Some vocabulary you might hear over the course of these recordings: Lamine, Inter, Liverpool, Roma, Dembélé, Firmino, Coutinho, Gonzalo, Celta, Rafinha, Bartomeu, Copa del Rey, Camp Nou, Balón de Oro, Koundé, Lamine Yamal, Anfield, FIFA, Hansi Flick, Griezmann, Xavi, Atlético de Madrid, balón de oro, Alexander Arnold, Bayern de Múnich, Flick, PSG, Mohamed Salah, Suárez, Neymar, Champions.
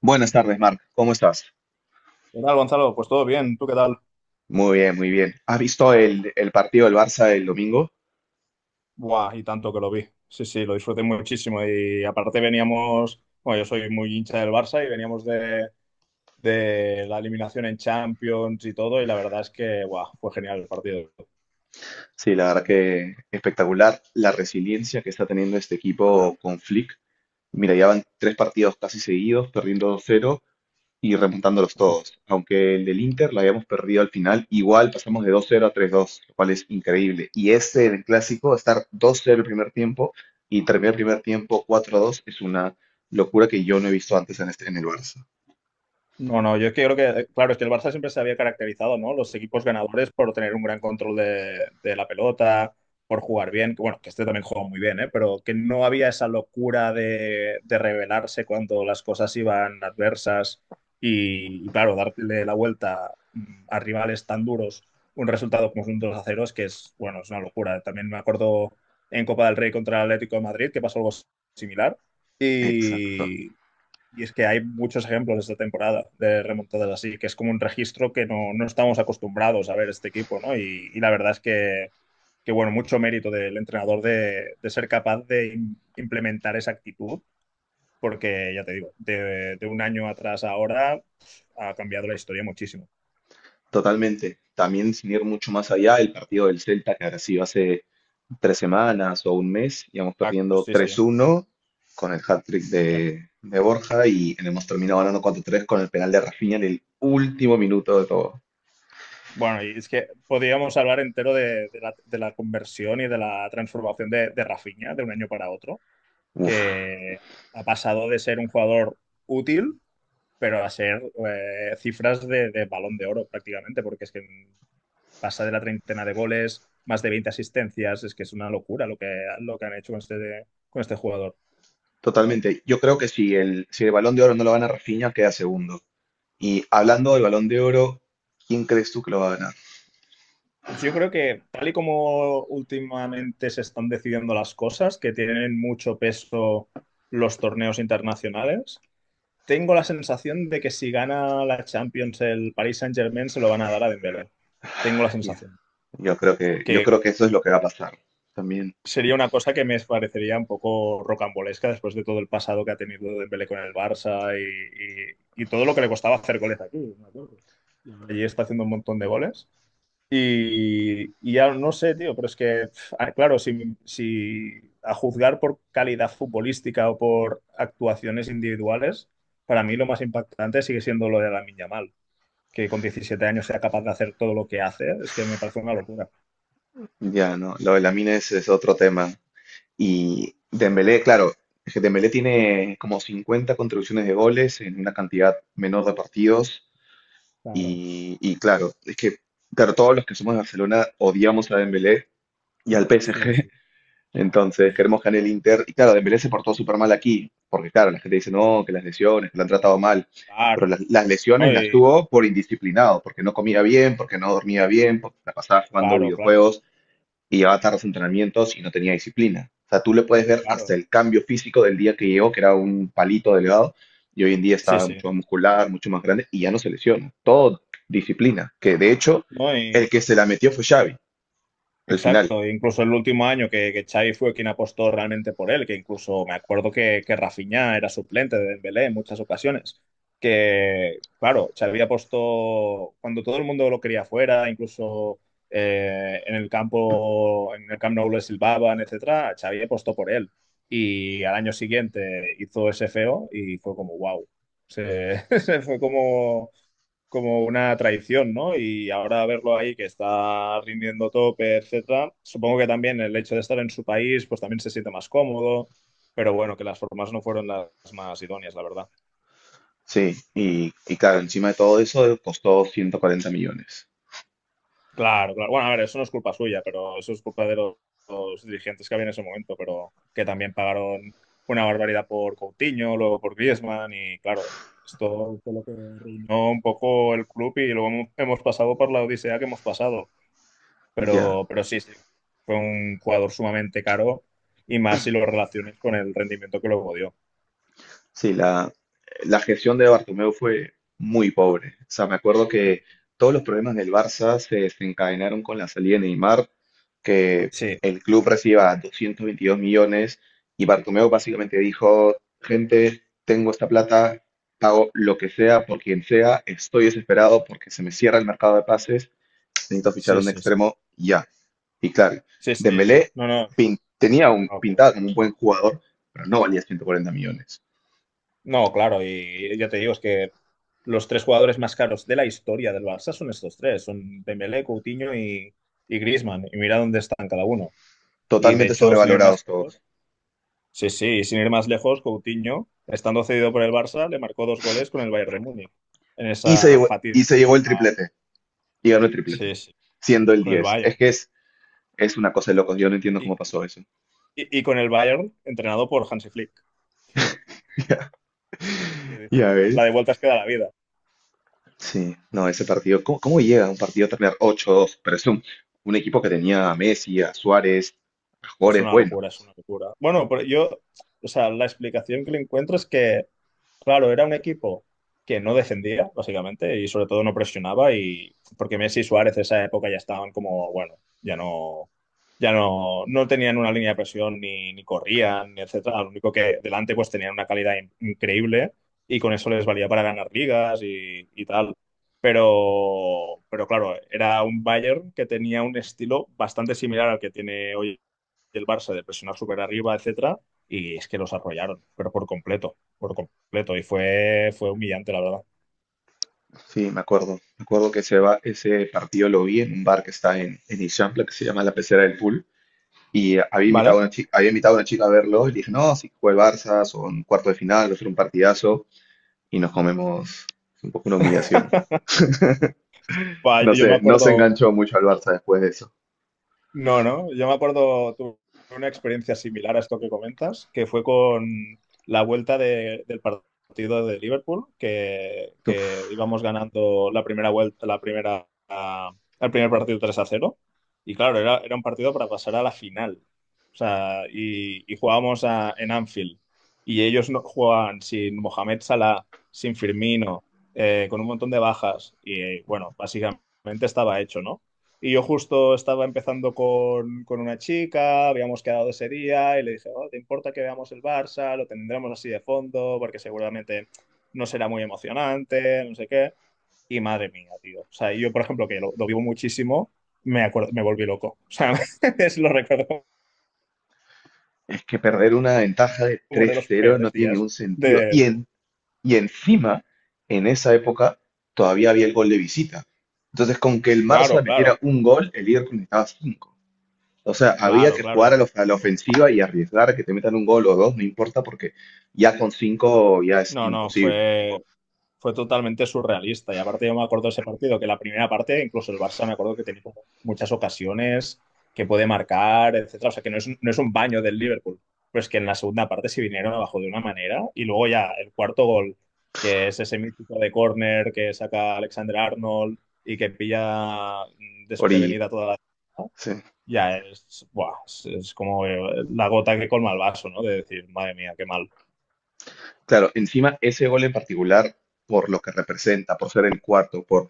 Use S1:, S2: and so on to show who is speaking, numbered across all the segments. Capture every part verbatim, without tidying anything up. S1: Buenas tardes, Marc. ¿Cómo estás?
S2: ¿Qué tal, Gonzalo? Pues todo bien, ¿tú qué tal?
S1: Muy bien, muy bien. ¿Has visto el, el partido del Barça el domingo?
S2: Buah, y tanto que lo vi. Sí, sí, lo disfruté muchísimo. Y aparte veníamos, bueno, yo soy muy hincha del Barça y veníamos de, de la eliminación en Champions y todo, y la verdad es que, buah, fue genial el partido.
S1: Sí, la verdad que espectacular la resiliencia que está teniendo este equipo con Flick. Mira, ya van tres partidos casi seguidos, perdiendo dos cero y remontándolos todos. Aunque el del Inter la habíamos perdido al final, igual pasamos de dos cero a tres dos, lo cual es increíble. Y este del clásico, estar dos cero el primer tiempo y terminar el primer tiempo cuatro dos es una locura que yo no he visto antes en, este, en el Barça.
S2: No, no, yo es que creo que, eh, claro, es que el Barça siempre se había caracterizado, ¿no? Los equipos ganadores por tener un gran control de, de la pelota, por jugar bien, que bueno, que este también jugó muy bien, ¿eh? Pero que no había esa locura de, de rebelarse cuando las cosas iban adversas y, y, claro, darle la vuelta mm, a rivales tan duros, un resultado como un dos a cero, es que es, bueno, es una locura. También me acuerdo en Copa del Rey contra el Atlético de Madrid, que pasó algo similar.
S1: Exacto.
S2: Y, y es que hay muchos ejemplos esta temporada de remontadas así, que es como un registro que no, no estamos acostumbrados a ver este equipo, ¿no? Y, y la verdad es que, que, bueno, mucho mérito del entrenador de, de ser capaz de im- implementar esa actitud, porque ya te digo, de, de un año atrás a ahora pf, ha cambiado la historia muchísimo.
S1: Totalmente. También sin ir mucho más allá, el partido del Celta que ahora sí hace tres semanas o un mes, íbamos
S2: Exacto,
S1: perdiendo
S2: sí, sí,
S1: tres uno con el hat-trick
S2: exacto.
S1: de, de Borja y hemos terminado ganando cuatro tres con el penal de Rafinha en el último minuto de todo.
S2: Bueno, y es que podríamos hablar entero de, de la, de la conversión y de la transformación de, de Rafinha de un año para otro
S1: Uf,
S2: que ha pasado de ser un jugador útil, pero a ser eh, cifras de, de balón de oro prácticamente, porque es que pasa de la treintena de goles, más de veinte asistencias, es que es una locura lo que, lo que han hecho con este, con este jugador.
S1: totalmente. Yo creo que si el, si el Balón de Oro no lo gana Rafinha, queda segundo. Y hablando del Balón de Oro, ¿quién crees tú que lo va a ganar?
S2: Pues yo creo que tal y como últimamente se están decidiendo las cosas, que tienen mucho peso los torneos internacionales, tengo la sensación de que si gana la Champions el Paris Saint-Germain se lo van a dar a Dembélé. Tengo la
S1: Yeah.
S2: sensación
S1: Yo creo que, yo creo
S2: que
S1: que eso es lo que va a pasar. También,
S2: sería una cosa que me parecería un poco rocambolesca después de todo el pasado que ha tenido Dembélé con el Barça y, y- y todo lo que le costaba hacer goles aquí, me acuerdo. Ya ves. Allí está haciendo un montón de goles. Y, y ya no sé, tío, pero es que, pf, ah, claro, si, si a juzgar por calidad futbolística o por actuaciones individuales, para mí lo más impactante sigue siendo lo de Lamine Yamal, que con diecisiete años sea capaz de hacer todo lo que hace, es que me parece una locura.
S1: ya, ¿no? Lo de Lamine es, es otro tema. Y Dembélé, claro, es que Dembélé tiene como cincuenta contribuciones de goles en una cantidad menor de partidos.
S2: Claro,
S1: Y, y claro, es que claro, todos los que somos de Barcelona odiamos a Dembélé y al
S2: sí,
S1: P S G.
S2: sí, sí,
S1: Entonces
S2: sí.
S1: queremos que gane el Inter. Y claro, Dembélé se portó súper mal aquí. Porque claro, la gente dice, no, que las lesiones, que la han tratado mal. Pero
S2: Claro.
S1: las, las
S2: No,
S1: lesiones las
S2: y-
S1: tuvo por indisciplinado, porque no comía bien, porque no dormía bien, porque la pasaba jugando
S2: claro, claro,
S1: videojuegos y llevaba tardes de entrenamientos y no tenía disciplina. O sea, tú le puedes ver hasta
S2: claro.
S1: el cambio físico del día que llegó, que era un palito delgado, y hoy en día
S2: Sí,
S1: está
S2: sí.
S1: mucho más muscular, mucho más grande, y ya no se lesiona. Todo disciplina, que de hecho
S2: No,
S1: el
S2: y-
S1: que se la metió fue Xavi, al final.
S2: exacto. Incluso el último año que, que Xavi fue quien apostó realmente por él, que incluso me acuerdo que, que Rafinha era suplente de Dembélé en muchas ocasiones. Que, claro, Xavi apostó cuando todo el mundo lo quería fuera, incluso eh, en el campo, en el Camp Nou le silbaban, etcétera, Xavi apostó por él. Y al año siguiente hizo ese feo y fue como, wow. Se se fue como como una traición, ¿no? Y ahora verlo ahí que está rindiendo tope, etcétera, supongo que también el hecho de estar en su país, pues también se siente más cómodo, pero bueno, que las formas no fueron las más idóneas, la verdad.
S1: Sí, y, y claro, encima de todo eso costó 140 millones.
S2: Claro, claro. Bueno, a ver, eso no es culpa suya, pero eso es culpa de los, los dirigentes que había en ese momento, pero que también pagaron una barbaridad por Coutinho, luego por Griezmann y claro, esto fue lo que arruinó un poco el club y luego hemos hemos pasado por la odisea que hemos pasado.
S1: Ya.
S2: Pero, pero sí, sí, fue un jugador sumamente caro y más si lo relaciones con el rendimiento que luego dio.
S1: Sí, la, la gestión de Bartomeu fue muy pobre. O sea, me acuerdo que todos los problemas del Barça se desencadenaron con la salida de Neymar, que
S2: Sí,
S1: el club reciba 222 millones y Bartomeu básicamente dijo, gente, tengo esta plata, pago lo que sea por quien sea, estoy desesperado porque se me cierra el mercado de pases, necesito fichar
S2: sí,
S1: un
S2: sí, sí.
S1: extremo ya. Y claro,
S2: Sí, sí.
S1: Dembélé
S2: No, no, es
S1: pin- tenía un
S2: una locura.
S1: pintado como un buen jugador, pero no valía 140 millones.
S2: No, claro, y ya te digo, es que los tres jugadores más caros de la historia del Barça son estos tres, son Dembélé, Coutinho y, y Griezmann, y mira dónde están cada uno. Y de
S1: Totalmente
S2: hecho, sin ir más
S1: sobrevalorados
S2: lejos,
S1: todos.
S2: sí, sí, y sin ir más lejos, Coutinho, estando cedido por el Barça, le marcó dos goles con el Bayern de Múnich en
S1: Y se
S2: esa
S1: llevó, y se
S2: fatídica,
S1: llevó el triplete. Y ganó el triplete.
S2: sí, sí,
S1: Siendo el
S2: con el
S1: diez.
S2: Bayern.
S1: Es que es, es una cosa de locos. Yo no entiendo cómo
S2: Y,
S1: pasó eso.
S2: y- y con el Bayern entrenado por Hansi Flick.
S1: Ya,
S2: Que dices,
S1: ya
S2: La la de
S1: ves.
S2: vueltas queda la vida.
S1: Sí, no, ese partido. ¿Cómo, cómo llega un partido a terminar ocho dos? Pero es un, un equipo que tenía a Messi, a Suárez, a
S2: Es
S1: jugadores
S2: una
S1: buenos.
S2: locura, es una locura. Bueno, pero yo, o sea, la explicación que le encuentro es que, claro, era un equipo que no defendía, básicamente, y sobre todo no presionaba, y porque Messi y Suárez en esa época ya estaban como, bueno, ya no, ya no, no tenían una línea de presión, ni, ni corrían, ni etcétera. Lo único que delante pues tenían una calidad in- increíble y con eso les valía para ganar ligas y, y tal. Pero, pero claro, era un Bayern que tenía un estilo bastante similar al que tiene hoy del Barça de presionar súper arriba, etcétera, y es que los arrollaron, pero por completo, por completo, y fue, fue humillante, la verdad.
S1: Sí, me acuerdo. Me acuerdo que ese, va- ese partido lo vi en un bar que está en, en Ixampla, que se llama La Pecera del Pool. Y había invitado a
S2: ¿Vale?
S1: una chica, había invitado a una chica a verlo y le dije, no, si juega el Barça, son cuarto de final, va a ser un partidazo y nos comemos un poco una humillación.
S2: Va,
S1: No
S2: yo me
S1: sé, no se
S2: acuerdo.
S1: enganchó mucho al Barça después de eso.
S2: No, no, yo me acuerdo, tuve una experiencia similar a esto que comentas, que fue con la vuelta de- del partido de Liverpool, que, que
S1: Uf,
S2: íbamos ganando la primera vuelta, la primera, ah, el primer partido tres a cero. Y claro, era, era un partido para pasar a la final. O sea, y, y jugábamos a- en Anfield. Y ellos no, jugaban sin Mohamed Salah, sin Firmino, eh, con un montón de bajas. Y bueno, básicamente estaba hecho, ¿no? Y yo justo estaba empezando con, con una chica, habíamos quedado ese día y le dije: "Oh, ¿te importa que veamos el Barça? Lo tendremos así de fondo porque seguramente no será muy emocionante, no sé qué." Y madre mía, tío. O sea, yo, por ejemplo, que lo, lo vivo muchísimo, me acuerdo, me volví loco. O sea, es, lo recuerdo
S1: es que perder una ventaja de
S2: como uno
S1: tres
S2: de los
S1: cero no
S2: peores
S1: tiene
S2: días
S1: ningún sentido. Y,
S2: de...
S1: en, y encima, en esa época, todavía había el gol de visita. Entonces, con que el
S2: Claro,
S1: Barça
S2: claro,
S1: metiera un gol, el Liverpool necesitaba cinco. O sea, había
S2: claro,
S1: que
S2: claro. ya-
S1: jugar a la, a la ofensiva y arriesgar a que te metan un gol o dos, no importa, porque ya con cinco ya es
S2: No, no,
S1: imposible.
S2: fue, fue totalmente surrealista. Y aparte yo me acuerdo de ese partido, que la primera parte, incluso el Barça me acuerdo que tenía como muchas ocasiones que puede marcar, etcétera. O sea que no es, un- no es un baño del Liverpool. Pero es que en la segunda parte se vinieron abajo de una manera. Y luego ya el cuarto gol, que es ese mítico de córner que saca Alexander Arnold y que pilla mm,
S1: Ori,
S2: desprevenida toda la.
S1: sí,
S2: Ya es, buah, es, es como eh, la gota que colma el vaso, ¿no? De decir, madre mía, qué mal.
S1: claro, encima ese gol en particular, por lo que representa, por ser el cuarto, por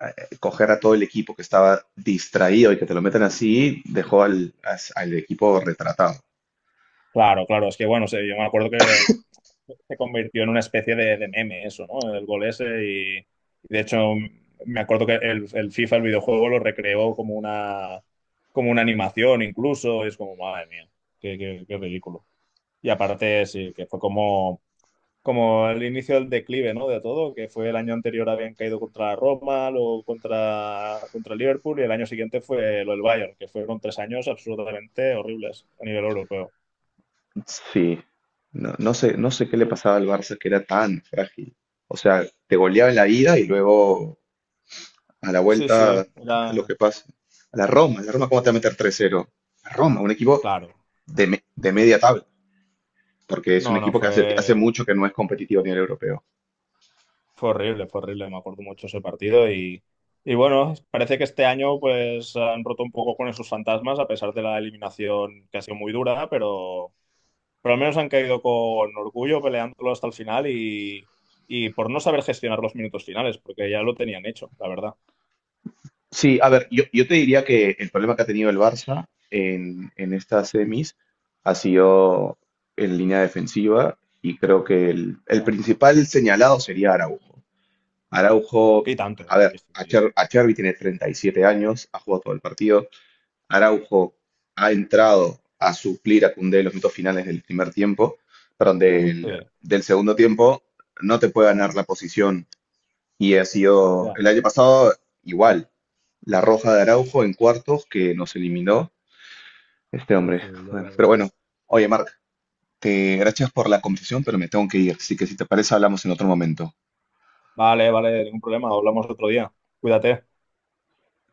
S1: eh, coger a todo el equipo que estaba distraído y que te lo metan así, dejó al, as- al equipo retratado.
S2: Claro, claro, es que bueno, o sea, yo me acuerdo que se convirtió en una especie de, de meme eso, ¿no? El gol ese y, y de hecho me acuerdo que el, el FIFA, el videojuego, lo recreó como una, como una animación incluso, y es como, madre mía, qué, qué- qué ridículo. Y aparte sí, que fue como, como el inicio del declive, ¿no? De todo, que fue el año anterior habían caído contra la Roma, luego contra, contra el Liverpool y el año siguiente fue lo del Bayern, que fueron tres años absolutamente horribles a nivel europeo.
S1: Sí, no, no sé, no sé qué le pasaba al Barça que era tan frágil. O sea, te goleaba en la ida y luego a la
S2: Sí, sí,
S1: vuelta, lo
S2: era
S1: que pasa. A la Roma, la Roma, ¿cómo te va a meter tres cero? La Roma, un equipo
S2: claro.
S1: de, me- de media tabla, porque es un
S2: No, no,
S1: equipo que hace, hace
S2: fue,
S1: mucho que no es competitivo a nivel europeo.
S2: fue horrible, fue horrible. Me acuerdo mucho ese partido y, y bueno, parece que este año pues han roto un poco con esos fantasmas a pesar de la eliminación que ha sido muy dura, pero, pero al menos han caído con orgullo peleándolo hasta el final y, y por no saber gestionar los minutos finales, porque ya lo tenían hecho, la verdad.
S1: Sí, a ver, yo, yo te diría que el problema que ha tenido el Barça en, en estas semis ha sido en línea defensiva y creo que el, el
S2: Claro.
S1: principal señalado sería Araujo. Araujo,
S2: Y tanto.
S1: a
S2: eh.
S1: ver,
S2: Sí,
S1: Acher- Acherbi tiene treinta y siete años, ha jugado todo el partido, Araujo ha entrado a suplir a Koundé en los minutos finales del primer tiempo, perdón, del,
S2: sí,
S1: del segundo tiempo, no te puede ganar la posición. Y ha sido
S2: ya.
S1: el año pasado igual, la roja de Araujo en cuartos que nos eliminó este
S2: Sí,
S1: hombre.
S2: sí, ya, ya.
S1: Bueno, pero bueno, oye, Marc, te gracias por la conversación, pero me tengo que ir. Así que si te parece, hablamos en otro momento.
S2: Vale, vale, ningún problema. Hablamos otro día. Cuídate.